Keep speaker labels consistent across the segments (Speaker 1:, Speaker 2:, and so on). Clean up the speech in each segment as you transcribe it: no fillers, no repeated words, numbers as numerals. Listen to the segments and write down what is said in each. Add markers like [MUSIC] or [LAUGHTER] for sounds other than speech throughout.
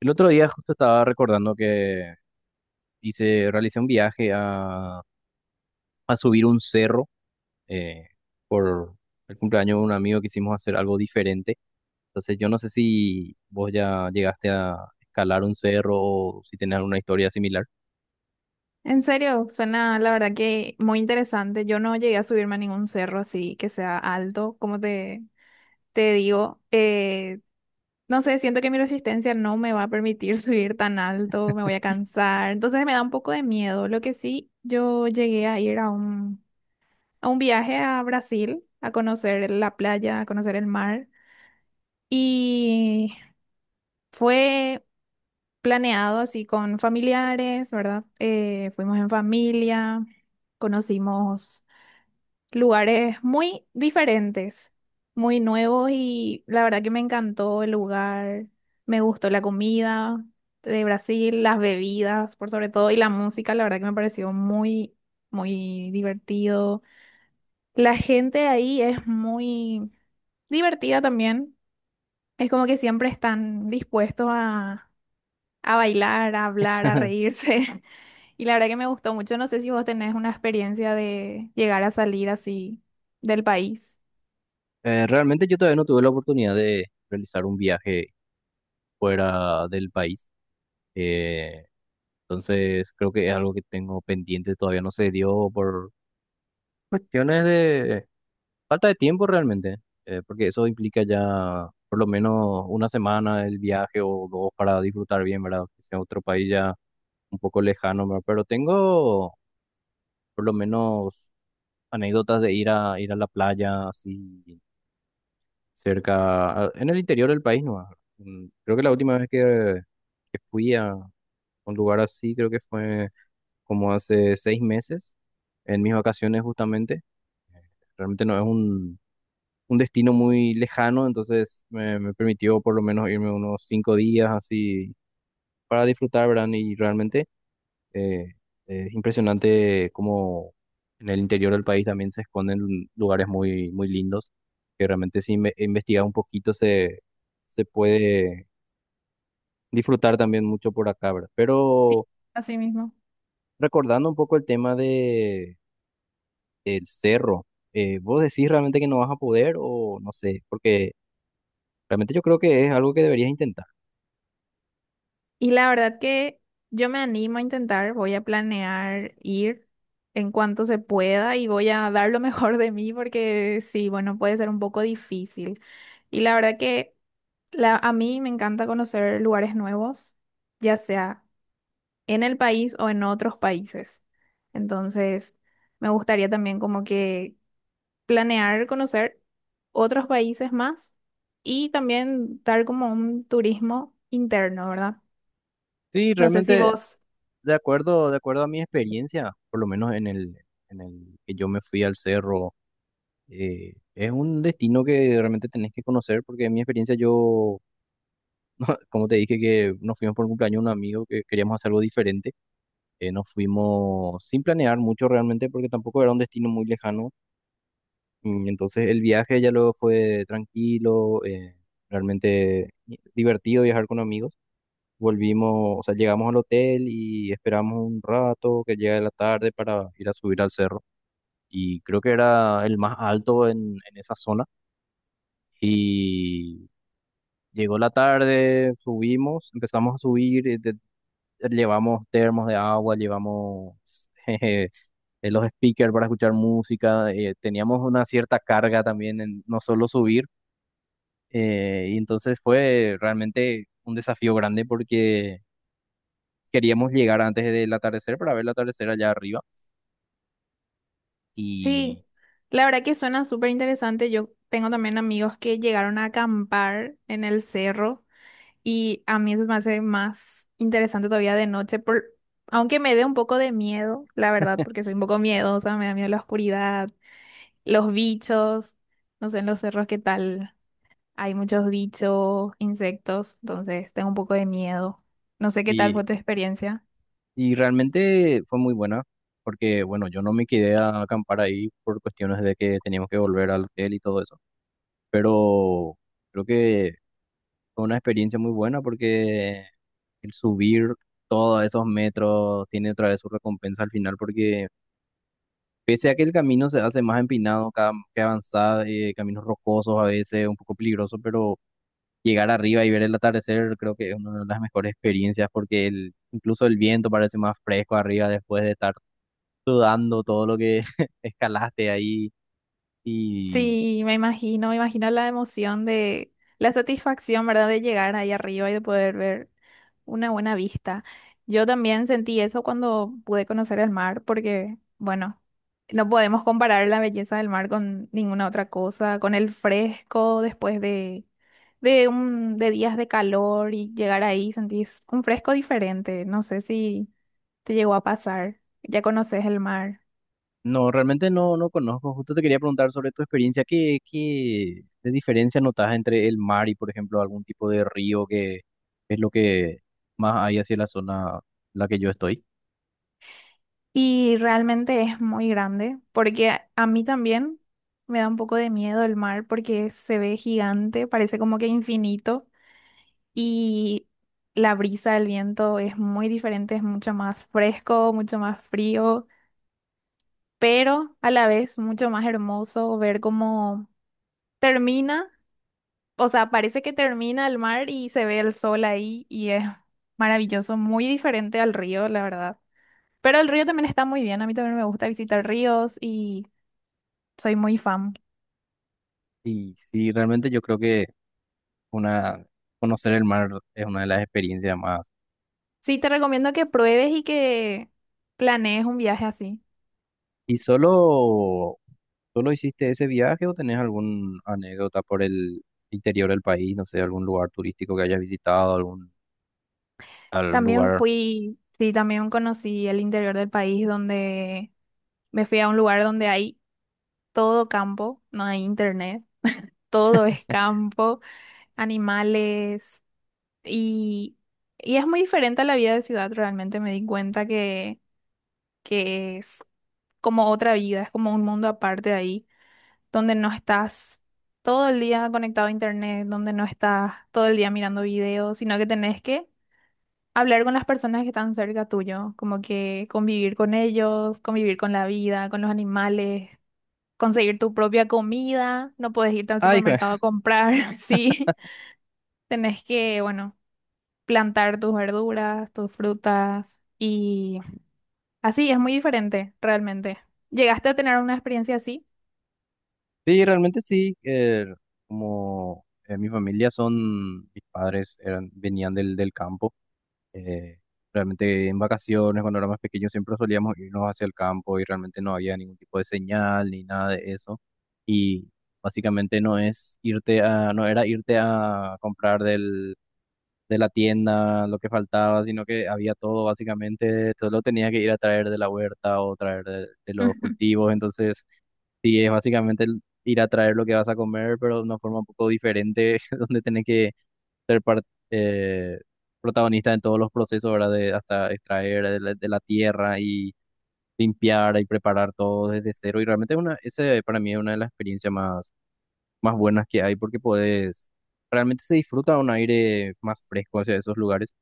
Speaker 1: El otro día justo estaba recordando que hice, realicé un viaje a subir un cerro eh, por el cumpleaños de un amigo quisimos hacer algo diferente. Entonces yo no sé si vos ya llegaste a escalar un cerro o si tenés alguna historia similar.
Speaker 2: En serio, suena la verdad que muy interesante. Yo no llegué a subirme a ningún cerro así que sea alto, como te digo, no sé, siento que mi resistencia no me va a permitir [LAUGHS] subir tan alto, me voy a cansar. Entonces me da un poco de miedo. Lo que sí, yo llegué a ir a un viaje a Brasil, a conocer la playa, a conocer el mar. Y fue planeado así con familiares, ¿verdad? Fuimos en familia, conocimos lugares muy diferentes, muy nuevos, y la verdad que me encantó el lugar, me gustó la comida de Brasil, las bebidas por sobre todo y la música. La verdad que me pareció muy divertido. La gente ahí es muy divertida también, es como que siempre están dispuestos a bailar, a hablar, a
Speaker 1: [LAUGHS]
Speaker 2: reírse. [LAUGHS] Y la verdad que me gustó mucho. No sé si vos tenés una experiencia de llegar a salir así del país.
Speaker 1: Realmente yo todavía no tuve la oportunidad de realizar un viaje fuera del país. Eh, entonces creo que es algo que tengo pendiente, todavía no se dio por cuestiones de falta de tiempo realmente, porque eso implica ya por lo menos una semana el viaje o dos para disfrutar bien, ¿verdad? Que sea otro país ya un poco lejano, ¿verdad? Pero tengo por lo menos anécdotas de ir a la playa así cerca, en el interior del país, ¿no? Creo que la última vez que fui a un lugar así, creo que fue como hace 6 meses, en mis vacaciones justamente. Realmente no es un destino muy lejano, entonces me permitió por lo menos irme unos 5 días así para disfrutar, ¿verdad? Y realmente eh, es impresionante cómo en el interior del país también se esconden lugares muy, muy lindos, que realmente si investigas un poquito se puede disfrutar también mucho por acá, ¿verdad? Pero
Speaker 2: Así mismo.
Speaker 1: recordando un poco el tema del cerro, ¿vos decís realmente que no vas a poder o no sé? Porque realmente yo creo que es algo que deberías intentar.
Speaker 2: Y la verdad que yo me animo a intentar, voy a planear ir en cuanto se pueda y voy a dar lo [LAUGHS] mejor de mí porque sí, bueno, puede ser un poco difícil. Y la verdad que a mí me encanta conocer lugares nuevos, ya sea en el país o en otros países. Entonces, me gustaría también como que planear conocer otros países más y también dar como un turismo interno, ¿verdad?
Speaker 1: Sí,
Speaker 2: No sé si
Speaker 1: realmente,
Speaker 2: vos.
Speaker 1: de acuerdo a mi experiencia, por lo menos en el que yo me fui al cerro, es un destino que realmente tenés que conocer, porque en mi experiencia yo, [LAUGHS] como te dije, que nos fuimos por un cumpleaños de un amigo que queríamos hacer algo diferente, nos fuimos sin planear mucho realmente, porque tampoco era un destino muy lejano, entonces el viaje ya luego fue tranquilo, realmente divertido viajar con amigos. Volvimos, o sea, llegamos al hotel y esperamos un rato que llegue la tarde para ir a subir al cerro. Y creo que era el más alto en esa zona. Y llegó la tarde, subimos, empezamos a subir, llevamos termos de agua, llevamos [LAUGHS] jeje, los speakers para escuchar música, teníamos una cierta carga también en no solo subir. Y entonces fue realmente un desafío grande porque queríamos llegar antes del atardecer para ver el atardecer allá arriba y,
Speaker 2: Sí, la verdad que suena súper interesante. Yo tengo también amigos que llegaron a acampar en el cerro y a mí eso me hace más interesante todavía de noche, por... aunque me dé un poco de miedo, la verdad,
Speaker 1: [LAUGHS]
Speaker 2: porque soy un poco miedosa, me da miedo la oscuridad, los bichos, no sé, en los cerros qué tal, hay muchos bichos, insectos, entonces tengo un poco de miedo. No sé qué tal
Speaker 1: y,
Speaker 2: fue tu experiencia.
Speaker 1: y realmente fue muy buena porque bueno, yo no me quedé a acampar ahí por cuestiones de que teníamos que volver al hotel y todo eso, pero creo que fue una experiencia muy buena porque el subir todos esos metros tiene otra vez su recompensa al final porque pese a que el camino se hace más empinado, cada que avanza, caminos rocosos a veces, un poco peligroso, pero llegar arriba y ver el atardecer creo que es una de las mejores experiencias porque el, incluso el viento parece más fresco arriba después de estar sudando todo lo que [LAUGHS] escalaste ahí y
Speaker 2: Sí, me imagino la emoción de la satisfacción, ¿verdad? De llegar ahí arriba y de poder ver una buena vista. Yo también sentí eso cuando pude conocer el mar, porque, bueno, no podemos comparar la belleza del mar con ninguna otra cosa, con el fresco después de días de calor, y llegar ahí sentís un fresco diferente. No sé si te llegó a pasar, ya conoces el mar.
Speaker 1: no, realmente no, no conozco. Justo te quería preguntar sobre tu experiencia. Qué de diferencia notas entre el mar y, por ejemplo, algún tipo de río que es lo que más hay hacia la zona en la que yo estoy?
Speaker 2: Y realmente es muy grande, porque a mí también me da un poco de miedo el mar, porque se ve gigante, parece como que infinito, y la brisa del viento es muy diferente, es mucho más fresco, mucho más frío, pero a la vez mucho más hermoso ver cómo termina, o sea, parece que termina el mar y se ve el sol ahí, y es maravilloso, muy diferente al río, la verdad. Pero el río también está muy bien, a mí también me gusta visitar ríos. Y soy muy fan.
Speaker 1: Y sí, realmente yo creo que una, conocer el mar es una de las experiencias más.
Speaker 2: Sí, te recomiendo que pruebes y que planees un viaje así.
Speaker 1: Y solo ¿Solo hiciste ese viaje o tenés alguna anécdota por el interior del país? No sé, algún lugar turístico que hayas visitado, algún, algún
Speaker 2: También
Speaker 1: lugar.
Speaker 2: fui, sí, también conocí el interior del país, donde me fui a un lugar donde hay todo campo, no hay internet, todo es campo, animales, y, y es muy diferente a la vida de ciudad. Realmente me di cuenta que es como otra vida, es como un mundo aparte de ahí, donde no estás todo el día conectado a internet, donde no estás todo el día mirando videos, sino que tenés que hablar con las personas que están cerca tuyo, como que convivir con ellos, convivir con la vida, con los animales, conseguir tu propia comida, no puedes irte al
Speaker 1: Ah, hijo,
Speaker 2: supermercado
Speaker 1: [LAUGHS]
Speaker 2: a comprar. [LAUGHS] Sí, tenés que, bueno, plantar tus verduras, tus frutas, y así es muy diferente realmente. ¿Llegaste a tener una experiencia así?
Speaker 1: sí, realmente sí. Como mi familia son, mis padres eran, venían del campo. eh, Realmente en vacaciones, cuando éramos pequeños, siempre solíamos irnos hacia el campo y realmente no había ningún tipo de señal ni nada de eso. Y básicamente no era irte a comprar del de la tienda, lo que faltaba, sino que había todo básicamente, solo tenía que ir a traer de la huerta o traer de los
Speaker 2: [LAUGHS]
Speaker 1: cultivos, entonces sí, es básicamente el ir a traer lo que vas a comer, pero de una forma un poco diferente, [LAUGHS] donde tenés que ser par- eh, protagonista en todos los procesos, ¿verdad? De, hasta extraer de la tierra y limpiar y preparar todo desde cero, y realmente es una, ese para mí es una de las experiencias más, más buenas que hay, porque podés... Realmente se disfruta un aire más fresco hacia esos lugares.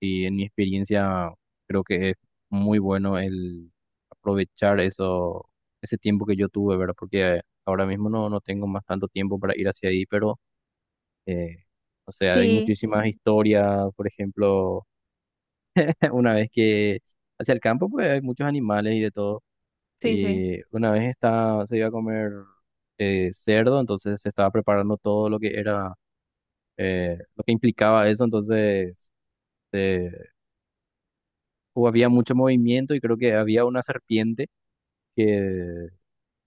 Speaker 1: Y en mi experiencia creo que es muy bueno el aprovechar eso, ese tiempo que yo tuve, ¿verdad? Porque ahora mismo no, no tengo más tanto tiempo para ir hacia ahí, pero, eh, o sea, hay
Speaker 2: Sí,
Speaker 1: muchísimas historias, por ejemplo, [LAUGHS] una vez que hacia el campo, pues hay muchos animales y de todo.
Speaker 2: sí, sí.
Speaker 1: Y una vez se iba a comer cerdo, entonces se estaba preparando todo lo que era, lo que implicaba eso, entonces eh, o había mucho movimiento y creo que había una serpiente que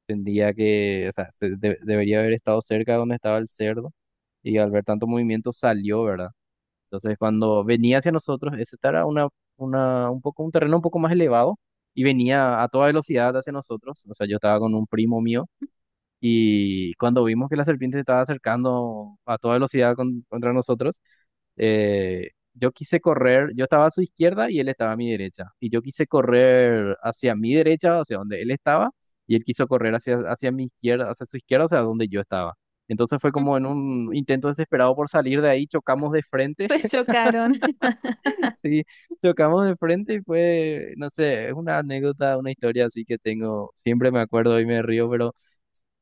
Speaker 1: tendría que, o sea, debería haber estado cerca de donde estaba el cerdo y al ver tanto movimiento salió, ¿verdad? Entonces cuando venía hacia nosotros, ese era un terreno un poco más elevado y venía a toda velocidad hacia nosotros, o sea, yo estaba con un primo mío y cuando vimos que la serpiente se estaba acercando a toda velocidad contra nosotros, yo quise correr, yo estaba a su izquierda y él estaba a mi derecha. Y yo quise correr hacia mi derecha, hacia donde él estaba, y él quiso correr hacia mi izquierda, hacia su izquierda, o sea, donde yo estaba. Entonces fue como en
Speaker 2: [LAUGHS]
Speaker 1: un intento desesperado por salir de ahí, chocamos de frente,
Speaker 2: Se chocaron. [LAUGHS]
Speaker 1: [LAUGHS] sí, chocamos de frente y fue, no sé, es una anécdota, una historia así que tengo, siempre me acuerdo y me río, pero...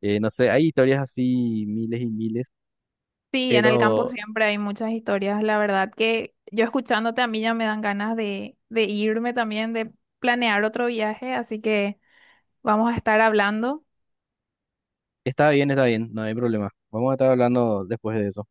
Speaker 1: No sé, hay historias así miles y miles,
Speaker 2: Sí, en el campo
Speaker 1: pero
Speaker 2: siempre hay muchas historias. La verdad que yo escuchándote a mí ya me dan ganas de irme también, de planear otro viaje. Así que vamos a estar hablando.
Speaker 1: está bien, no hay problema. Vamos a estar hablando después de eso.